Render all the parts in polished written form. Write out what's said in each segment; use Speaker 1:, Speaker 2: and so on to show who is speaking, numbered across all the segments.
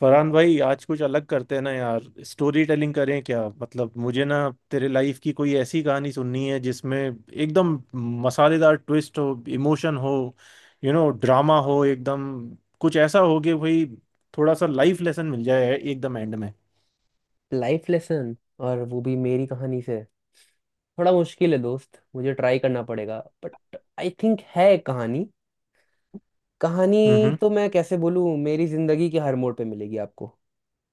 Speaker 1: फरहान भाई, आज कुछ अलग करते हैं ना यार। स्टोरी टेलिंग करें क्या? मतलब मुझे ना तेरे लाइफ की कोई ऐसी कहानी सुननी है जिसमें एकदम मसालेदार ट्विस्ट हो, इमोशन हो, यू नो ड्रामा हो, एकदम कुछ ऐसा हो कि भाई थोड़ा सा लाइफ लेसन मिल जाए एकदम एंड में।
Speaker 2: लाइफ लेसन और वो भी मेरी कहानी से थोड़ा मुश्किल है दोस्त। मुझे ट्राई करना पड़ेगा बट आई थिंक है एक कहानी कहानी।
Speaker 1: हम्म।
Speaker 2: तो मैं कैसे बोलूँ, मेरी जिंदगी के हर मोड़ पे मिलेगी आपको।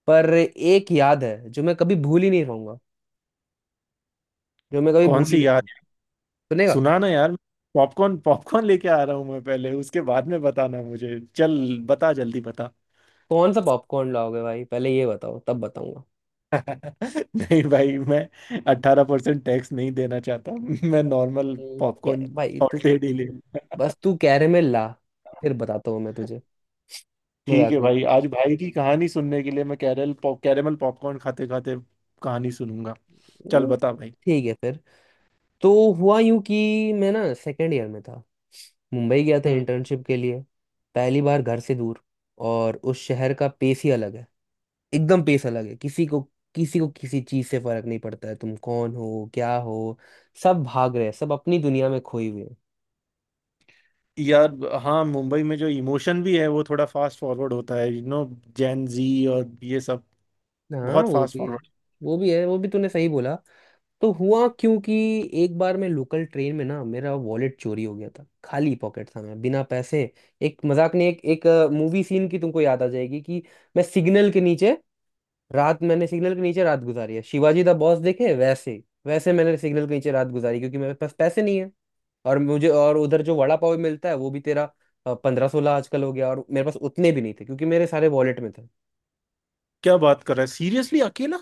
Speaker 2: पर एक याद है जो मैं कभी भूल ही नहीं पाऊंगा। जो मैं कभी
Speaker 1: कौन
Speaker 2: भूल ही
Speaker 1: सी
Speaker 2: नहीं
Speaker 1: यार?
Speaker 2: पाऊंगा सुनेगा?
Speaker 1: सुना ना यार। पॉपकॉर्न पॉपकॉर्न लेके आ रहा हूँ मैं पहले, उसके बाद में बताना मुझे। चल बता, जल्दी बता।
Speaker 2: कौन सा पॉपकॉर्न लाओगे भाई, पहले ये बताओ तब बताऊंगा।
Speaker 1: नहीं भाई, मैं 18% टैक्स नहीं देना चाहता। मैं नॉर्मल
Speaker 2: क्या
Speaker 1: पॉपकॉर्न
Speaker 2: भाई तू।
Speaker 1: सॉल्टेड ही ले।
Speaker 2: बस तू कैरेमल ला, फिर बताता हूँ मैं तुझे।
Speaker 1: ठीक
Speaker 2: मजाक
Speaker 1: है
Speaker 2: नहीं।
Speaker 1: भाई, आज भाई की कहानी सुनने के लिए मैं कैरल पॉप कैरेमल पॉपकॉर्न खाते खाते कहानी सुनूंगा। चल
Speaker 2: हम्म,
Speaker 1: बता भाई।
Speaker 2: ठीक है फिर। तो हुआ यूं कि मैं ना सेकेंड ईयर में था। मुंबई गया था
Speaker 1: हम्म।
Speaker 2: इंटर्नशिप के लिए। पहली बार घर से दूर। और उस शहर का पेस ही अलग है। एकदम पेस अलग है। किसी को किसी चीज से फर्क नहीं पड़ता है, तुम कौन हो क्या हो। सब भाग रहे हैं, सब अपनी दुनिया में खोए हुए हैं।
Speaker 1: यार, हाँ, मुंबई में जो इमोशन भी है वो थोड़ा फास्ट फॉरवर्ड होता है, यू नो, जैन जी और ये सब।
Speaker 2: हाँ
Speaker 1: बहुत
Speaker 2: वो
Speaker 1: फास्ट
Speaker 2: भी है।
Speaker 1: फॉरवर्ड।
Speaker 2: वो भी है। वो भी तूने सही बोला। तो हुआ क्योंकि एक बार मैं लोकल ट्रेन में ना, मेरा वॉलेट चोरी हो गया था। खाली पॉकेट था, मैं बिना पैसे। एक मजाक नहीं। एक एक मूवी सीन की तुमको याद आ जाएगी कि मैं सिग्नल के नीचे मैंने सिग्नल के नीचे रात गुजारी है, शिवाजी द बॉस देखे वैसे। वैसे मैंने सिग्नल के नीचे रात गुजारी क्योंकि मेरे पास पैसे नहीं है। और मुझे, और उधर जो वड़ा पाव मिलता है वो भी तेरा 15-16 आजकल हो गया, और मेरे पास उतने भी नहीं थे क्योंकि मेरे सारे वॉलेट में थे।
Speaker 1: क्या बात कर रहा है सीरियसली? अकेला?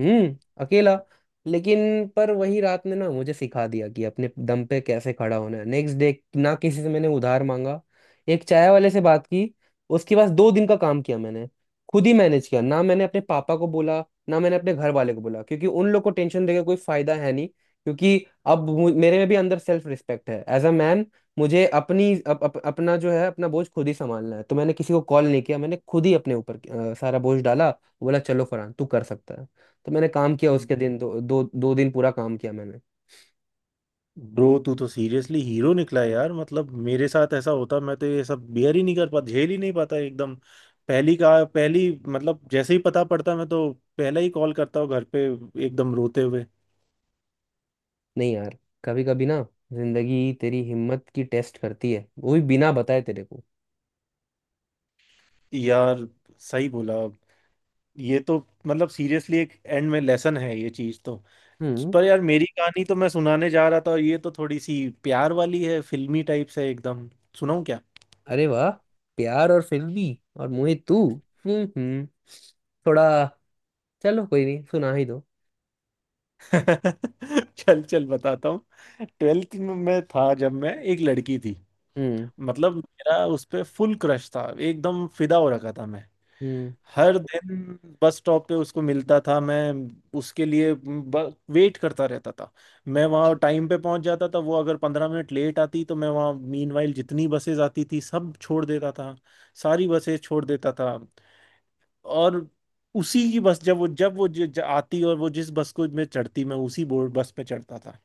Speaker 2: हम्म। अकेला। लेकिन पर वही रात ने ना मुझे सिखा दिया कि अपने दम पे कैसे खड़ा होना है। नेक्स्ट डे ना किसी से मैंने उधार मांगा। एक चाय वाले से बात की। उसके पास 2 दिन का काम किया मैंने। खुद ही मैनेज किया। ना मैंने अपने पापा को बोला, ना मैंने अपने घर वाले को बोला, क्योंकि उन लोग को टेंशन देकर कोई फायदा है नहीं। क्योंकि अब मेरे में भी अंदर सेल्फ रिस्पेक्ट है, एज अ मैन। मुझे अपना जो है अपना बोझ खुद ही संभालना है। तो मैंने किसी को कॉल नहीं किया, मैंने खुद ही अपने ऊपर सारा बोझ डाला। बोला चलो फरहान तू कर सकता है। तो मैंने काम किया, उसके दिन दो दो दो दिन पूरा काम किया मैंने।
Speaker 1: ब्रो, तू तो सीरियसली हीरो निकला यार। मतलब मेरे साथ ऐसा होता मैं तो ये सब बियर ही नहीं कर पाता, झेल ही नहीं पाता एकदम। पहली का पहली मतलब जैसे ही पता पड़ता मैं तो पहला ही कॉल करता हूँ घर पे, एकदम रोते हुए।
Speaker 2: नहीं यार। कभी कभी ना जिंदगी तेरी हिम्मत की टेस्ट करती है, वो भी बिना बताए तेरे को।
Speaker 1: यार सही बोला। ये तो, मतलब सीरियसली एक एंड में लेसन है ये चीज तो।
Speaker 2: हम्म।
Speaker 1: पर यार मेरी कहानी तो मैं सुनाने जा रहा था, और ये तो थोड़ी सी प्यार वाली है, फिल्मी टाइप से एकदम। सुनाऊं क्या?
Speaker 2: अरे वाह। प्यार और फिल्मी। और मोहित तू। हम्म हम्म थोड़ा, चलो कोई नहीं, सुना ही दो।
Speaker 1: चल चल बताता हूँ। ट्वेल्थ में मैं था जब मैं एक लड़की थी।
Speaker 2: हम्म
Speaker 1: मतलब मेरा उस पे फुल क्रश था, एकदम फिदा हो रखा था मैं।
Speaker 2: हम्म
Speaker 1: हर दिन बस स्टॉप पे उसको मिलता था मैं, उसके लिए वेट करता रहता था। मैं वहाँ टाइम पे पहुंच जाता था, वो अगर 15 मिनट लेट आती तो मैं वहाँ मीनवाइल जितनी बसेज आती थी सब छोड़ देता था, सारी बसेज छोड़ देता था। और उसी की बस, जब वो ज, ज, आती और वो जिस बस को मैं चढ़ती मैं उसी बोर्ड बस पे चढ़ता था।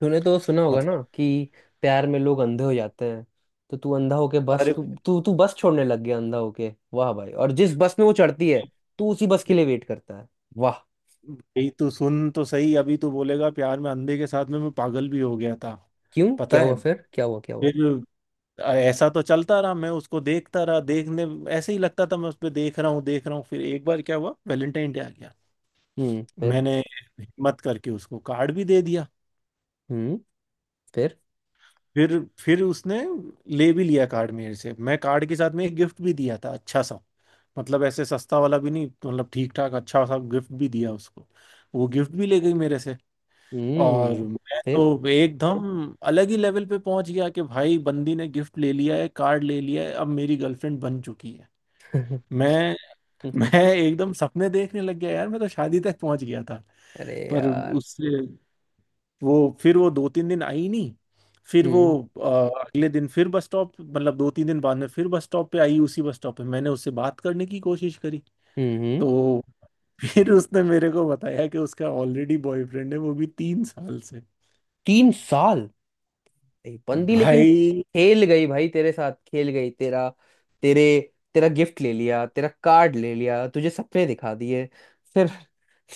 Speaker 2: तूने तो सुना होगा ना
Speaker 1: मतलब,
Speaker 2: कि प्यार में लोग अंधे हो जाते हैं। तो तू अंधा होके बस,
Speaker 1: अरे
Speaker 2: तू तू तू बस छोड़ने लग गया, अंधा होके वाह भाई। और जिस बस में वो चढ़ती है, तू उसी बस के लिए वेट करता है। वाह।
Speaker 1: भाई तू सुन तो सही, अभी तू बोलेगा प्यार में अंधे के साथ में मैं पागल भी हो गया था।
Speaker 2: क्यों, क्या
Speaker 1: पता
Speaker 2: हुआ,
Speaker 1: है,
Speaker 2: फिर क्या हुआ, क्या हुआ?
Speaker 1: फिर ऐसा तो चलता रहा, मैं उसको देखता रहा, देखने ऐसे ही लगता था मैं उस पर देख रहा हूँ देख रहा हूँ। फिर एक बार क्या हुआ, वैलेंटाइन डे आ गया।
Speaker 2: हम्म। फिर?
Speaker 1: मैंने हिम्मत करके उसको कार्ड भी दे दिया।
Speaker 2: हम्म। फिर?
Speaker 1: फिर उसने ले भी लिया कार्ड मेरे से। मैं कार्ड के साथ में एक गिफ्ट भी दिया था, अच्छा सा। मतलब ऐसे सस्ता वाला भी नहीं, मतलब ठीक ठाक अच्छा सा गिफ्ट भी दिया उसको। वो गिफ्ट भी ले गई मेरे से। और
Speaker 2: हम्म।
Speaker 1: मैं
Speaker 2: फिर?
Speaker 1: तो एकदम अलग ही लेवल पे पहुंच गया कि भाई बंदी ने गिफ्ट ले लिया है, कार्ड ले लिया है, अब मेरी गर्लफ्रेंड बन चुकी है। मैं मैं एकदम सपने देखने लग गया यार, मैं तो शादी तक पहुंच गया था।
Speaker 2: अरे
Speaker 1: पर
Speaker 2: यार।
Speaker 1: उससे, वो फिर वो 2-3 दिन आई नहीं। फिर वो,
Speaker 2: हम्म।
Speaker 1: अगले दिन फिर बस स्टॉप, मतलब 2-3 दिन बाद में फिर बस स्टॉप पे आई। उसी बस स्टॉप पे मैंने उससे बात करने की कोशिश करी।
Speaker 2: हम्म। हम्म।
Speaker 1: तो फिर उसने मेरे को बताया कि उसका ऑलरेडी बॉयफ्रेंड है, वो भी 3 साल से।
Speaker 2: 3 साल। बंदी लेकिन
Speaker 1: भाई,
Speaker 2: खेल गई भाई, तेरे साथ खेल गई। तेरे तेरा गिफ्ट ले लिया, तेरा कार्ड ले लिया, तुझे सपने दिखा दिए। फिर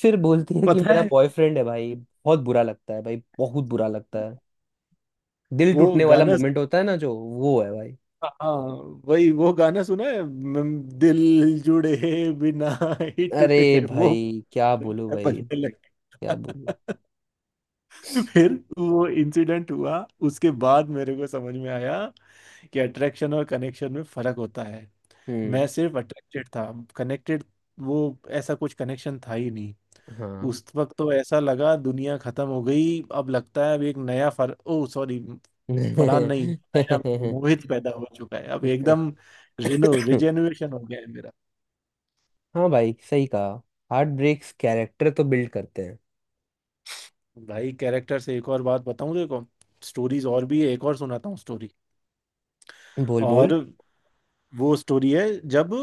Speaker 2: बोलती है कि
Speaker 1: पता
Speaker 2: मेरा
Speaker 1: है,
Speaker 2: बॉयफ्रेंड है। भाई बहुत बुरा लगता है, भाई बहुत बुरा लगता है। दिल
Speaker 1: वो
Speaker 2: टूटने वाला
Speaker 1: गाना सु-
Speaker 2: मोमेंट होता है ना, जो वो है भाई।
Speaker 1: हाँ, वही वो गाना सुना है, दिल जुड़े बिना ही
Speaker 2: अरे
Speaker 1: टूट गए, वो
Speaker 2: भाई क्या बोलूं भाई।
Speaker 1: बनने लगे।
Speaker 2: क्या बोलूं।
Speaker 1: फिर वो इंसिडेंट हुआ, उसके बाद मेरे को समझ में आया कि अट्रैक्शन और कनेक्शन में फर्क होता है।
Speaker 2: हम्म।
Speaker 1: मैं सिर्फ अट्रैक्टेड था, कनेक्टेड, वो ऐसा कुछ कनेक्शन था ही नहीं।
Speaker 2: हाँ।
Speaker 1: उस वक्त तो ऐसा लगा दुनिया खत्म हो गई, अब लगता है अब एक नया फर ओ सॉरी फरहान नहीं, नया मोहित पैदा हो चुका है अब, एकदम रिनो रिजेन्युएशन हो गया है मेरा।
Speaker 2: हाँ भाई सही कहा। हार्ट ब्रेक्स कैरेक्टर तो बिल्ड करते हैं।
Speaker 1: भाई कैरेक्टर से एक और बात बताऊं, देखो स्टोरीज और भी है, एक और सुनाता हूँ स्टोरी।
Speaker 2: बोल
Speaker 1: और
Speaker 2: बोल।
Speaker 1: वो स्टोरी है जब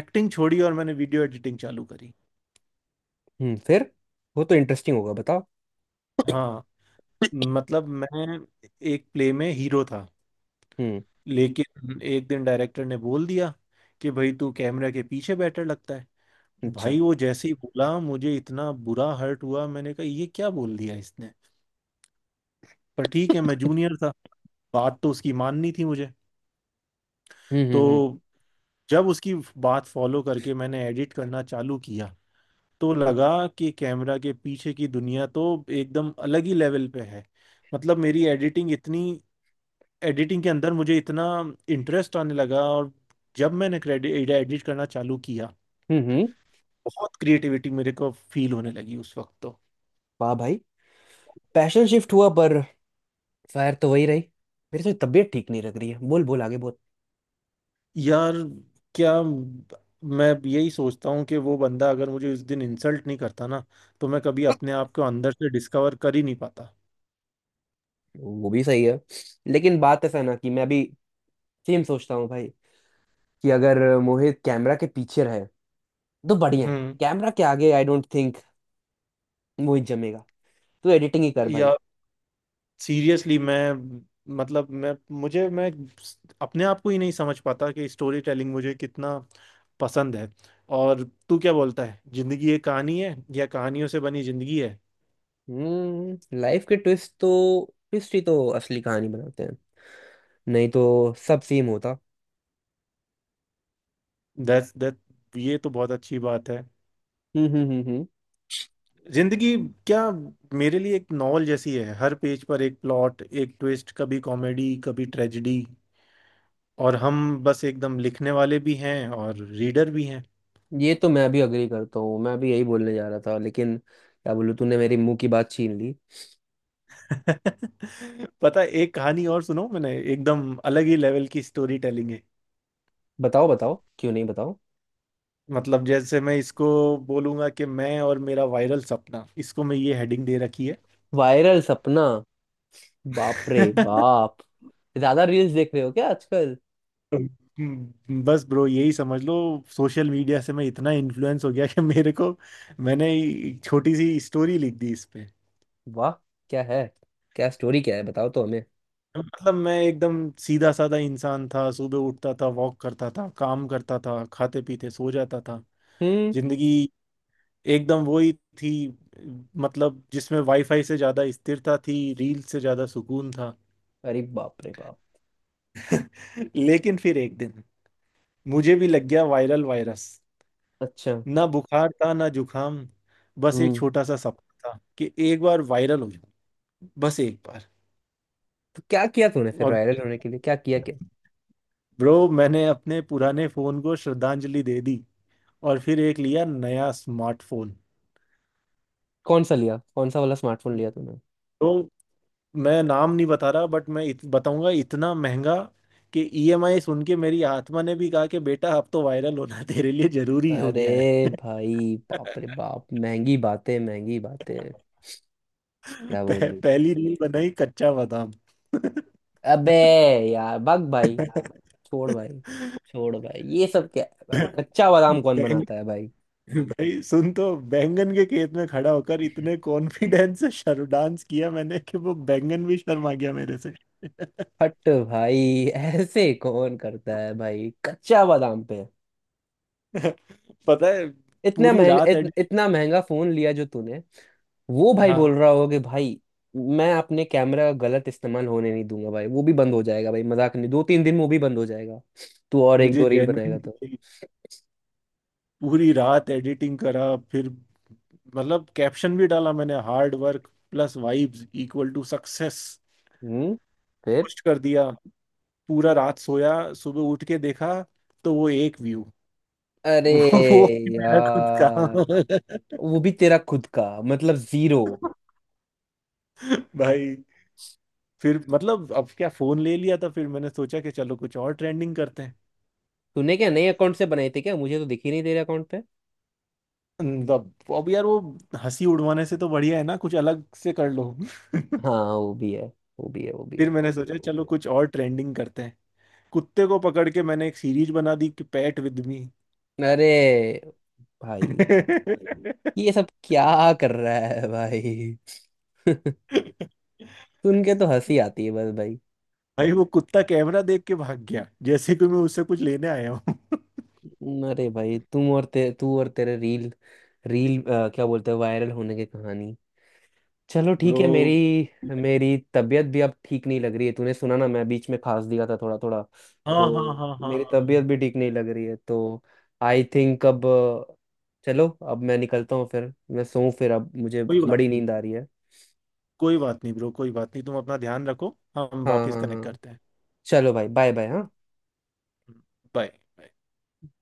Speaker 1: एक्टिंग छोड़ी और मैंने वीडियो एडिटिंग चालू करी।
Speaker 2: हम्म। फिर? वो तो इंटरेस्टिंग होगा, बताओ।
Speaker 1: हाँ, मतलब मैं एक प्ले में हीरो था,
Speaker 2: हम्म।
Speaker 1: लेकिन एक दिन डायरेक्टर ने बोल दिया कि भाई तू कैमरा के पीछे बेटर लगता है।
Speaker 2: अच्छा।
Speaker 1: भाई वो जैसे ही बोला मुझे इतना बुरा हर्ट हुआ, मैंने कहा ये क्या बोल दिया इसने। पर ठीक है, मैं जूनियर था, बात तो उसकी माननी थी मुझे।
Speaker 2: हम्म। हम्म।
Speaker 1: तो जब उसकी बात फॉलो करके मैंने एडिट करना चालू किया, तो लगा कि कैमरा के पीछे की दुनिया तो एकदम अलग ही लेवल पे है। मतलब मेरी एडिटिंग इतनी, एडिटिंग के अंदर मुझे इतना इंटरेस्ट आने लगा। और जब मैंने क्रेडिट एडिट करना चालू किया,
Speaker 2: हम्म। हम्म।
Speaker 1: बहुत क्रिएटिविटी मेरे को फील होने लगी उस वक्त तो।
Speaker 2: वाह भाई। पैशन शिफ्ट हुआ, पर फायर तो वही रही। मेरी तो तबीयत ठीक नहीं लग रही है। बोल बोल आगे बोल।
Speaker 1: यार क्या, मैं यही सोचता हूँ कि वो बंदा अगर मुझे उस दिन इंसल्ट नहीं करता ना, तो मैं कभी अपने आप को अंदर से डिस्कवर कर ही नहीं पाता।
Speaker 2: वो भी सही है। लेकिन बात ऐसा है ना कि मैं भी सेम सोचता हूँ भाई, कि अगर मोहित कैमरा के पीछे रहे तो बढ़िया है।
Speaker 1: हम्म।
Speaker 2: कैमरा के आगे आई डोंट थिंक मोहित जमेगा। तू एडिटिंग ही कर भाई।
Speaker 1: या सीरियसली मैं, मतलब मैं, मुझे मैं अपने आप को ही नहीं समझ पाता कि स्टोरी टेलिंग मुझे कितना पसंद है। और तू क्या बोलता है, जिंदगी एक कहानी है या कहानियों से बनी जिंदगी है।
Speaker 2: लाइफ के ट्विस्ट तो, ट्विस्ट ही तो असली कहानी बनाते हैं। नहीं तो सब सेम होता।
Speaker 1: दैट दैट ये तो बहुत अच्छी बात है।
Speaker 2: हम्म। हम्म। हम्म। हम्म।
Speaker 1: जिंदगी क्या मेरे लिए एक नॉवल जैसी है, हर पेज पर एक प्लॉट, एक ट्विस्ट, कभी कॉमेडी, कभी ट्रेजेडी। और हम बस एकदम लिखने वाले भी हैं और रीडर भी हैं।
Speaker 2: ये तो मैं भी अग्री करता हूँ, मैं भी यही बोलने जा रहा था, लेकिन क्या बोलूँ तूने मेरे मुंह की बात छीन ली।
Speaker 1: पता है, एक कहानी और सुनो, मैंने एकदम अलग ही लेवल की स्टोरी टेलिंग है।
Speaker 2: बताओ बताओ, क्यों नहीं, बताओ।
Speaker 1: मतलब जैसे मैं इसको बोलूंगा कि मैं और मेरा वायरल सपना, इसको मैं ये हेडिंग दे रखी
Speaker 2: वायरल सपना। बाप रे
Speaker 1: है।
Speaker 2: बाप। ज्यादा रील्स देख रहे हो क्या आजकल?
Speaker 1: बस ब्रो यही समझ लो, सोशल मीडिया से मैं इतना इन्फ्लुएंस हो गया कि मेरे को, मैंने एक छोटी सी स्टोरी लिख दी इस पे।
Speaker 2: वाह। क्या है, क्या स्टोरी क्या है, बताओ तो हमें।
Speaker 1: मतलब मैं एकदम सीधा साधा इंसान था, सुबह उठता था, वॉक करता था, काम करता था, खाते पीते सो जाता था।
Speaker 2: हम्म।
Speaker 1: जिंदगी एकदम वही थी, मतलब जिसमें वाईफाई से ज्यादा स्थिरता थी, रील से ज्यादा सुकून था।
Speaker 2: अरे बाप रे बाप।
Speaker 1: लेकिन फिर एक दिन मुझे भी लग गया वायरल वायरस।
Speaker 2: अच्छा।
Speaker 1: ना बुखार था ना जुखाम, बस एक
Speaker 2: हम्म
Speaker 1: छोटा सा सपना था कि एक बार वायरल हो जाऊं, बस एक बार।
Speaker 2: तो क्या किया तूने फिर
Speaker 1: और
Speaker 2: वायरल होने के लिए, क्या किया क्या?
Speaker 1: ब्रो मैंने अपने पुराने फोन को श्रद्धांजलि दे दी, और फिर एक लिया नया स्मार्टफोन।
Speaker 2: कौन सा लिया, कौन सा वाला स्मार्टफोन लिया तूने?
Speaker 1: तो मैं नाम नहीं बता रहा, बट मैं बताऊंगा इतना महंगा कि ईएमआई सुन के मेरी आत्मा ने भी कहा कि बेटा अब तो वायरल होना तेरे लिए जरूरी हो
Speaker 2: अरे
Speaker 1: गया है।
Speaker 2: भाई बाप रे बाप, महंगी बातें महंगी बातें। क्या बोलूं।
Speaker 1: पहली रील बनाई, कच्चा बादाम।
Speaker 2: अबे यार भग भाई, छोड़ भाई, छोड़ भाई ये सब क्या है भाई, कच्चा बादाम कौन
Speaker 1: बैंग
Speaker 2: बनाता है भाई?
Speaker 1: भाई सुन तो, बैंगन के खेत में खड़ा होकर इतने कॉन्फिडेंस से शर्म डांस किया मैंने कि वो बैंगन भी शर्मा गया मेरे से।
Speaker 2: हट भाई ऐसे कौन करता है भाई कच्चा बादाम पे?
Speaker 1: पता है,
Speaker 2: इतना
Speaker 1: पूरी
Speaker 2: महंगा
Speaker 1: रात एडिट,
Speaker 2: इतना महंगा फोन लिया जो तूने। वो भाई बोल
Speaker 1: हाँ,
Speaker 2: रहा होगा कि भाई मैं अपने कैमरा का गलत इस्तेमाल होने नहीं दूंगा, भाई वो भी बंद हो जाएगा भाई, मजाक नहीं दो तीन दिन में वो भी बंद हो जाएगा। तू और एक
Speaker 1: मुझे
Speaker 2: दो रील बनाएगा
Speaker 1: जेन्युइन
Speaker 2: तो।
Speaker 1: पूरी रात एडिटिंग करा। फिर मतलब कैप्शन भी डाला मैंने, hard work plus vibes equal to success.
Speaker 2: हम्म। फिर?
Speaker 1: पोस्ट कर दिया, पूरा रात सोया, सुबह उठ के देखा, तो वो एक व्यू।
Speaker 2: अरे
Speaker 1: वो भी मेरा खुद का।
Speaker 2: यार। वो भी तेरा खुद का। मतलब जीरो।
Speaker 1: भाई, फिर मतलब अब क्या, फोन ले लिया था, फिर मैंने सोचा कि चलो कुछ और ट्रेंडिंग करते हैं।
Speaker 2: तूने क्या नए अकाउंट से बनाए थे क्या, मुझे तो दिख ही नहीं तेरे अकाउंट पे।
Speaker 1: अब यार वो हंसी उड़वाने से तो बढ़िया है ना कुछ अलग से कर लो।
Speaker 2: हाँ वो भी है, वो भी है, वो भी
Speaker 1: फिर
Speaker 2: है।
Speaker 1: मैंने सोचा चलो कुछ और ट्रेंडिंग करते हैं। कुत्ते को पकड़ के मैंने एक सीरीज बना दी कि पैट विद मी।
Speaker 2: अरे भाई ये सब क्या कर रहा है भाई? सुन के तो हंसी आती है बस भाई।
Speaker 1: भाई वो कुत्ता कैमरा देख के भाग गया जैसे कि मैं उससे कुछ लेने आया हूँ।
Speaker 2: अरे भाई तुम और तू और तेरे रील, रील क्या बोलते हैं, वायरल होने की कहानी। चलो ठीक
Speaker 1: ब्रो,
Speaker 2: है। मेरी मेरी तबीयत भी अब ठीक नहीं लग रही है। तूने सुना ना मैं बीच में खांस दिया था थोड़ा थोड़ा,
Speaker 1: हाँ हाँ
Speaker 2: तो
Speaker 1: हाँ, हाँ
Speaker 2: मेरी
Speaker 1: हाँ।
Speaker 2: तबीयत भी ठीक नहीं लग रही है। तो आई थिंक अब चलो अब मैं निकलता हूँ, फिर मैं सोऊं, फिर अब मुझे
Speaker 1: कोई बात
Speaker 2: बड़ी
Speaker 1: नहीं,
Speaker 2: नींद आ रही है।
Speaker 1: कोई बात नहीं ब्रो, कोई बात नहीं, तुम अपना ध्यान रखो, हम
Speaker 2: हाँ
Speaker 1: वापस
Speaker 2: हाँ
Speaker 1: कनेक्ट
Speaker 2: हाँ।
Speaker 1: करते हैं।
Speaker 2: चलो भाई, बाय बाय। हाँ।
Speaker 1: बाय।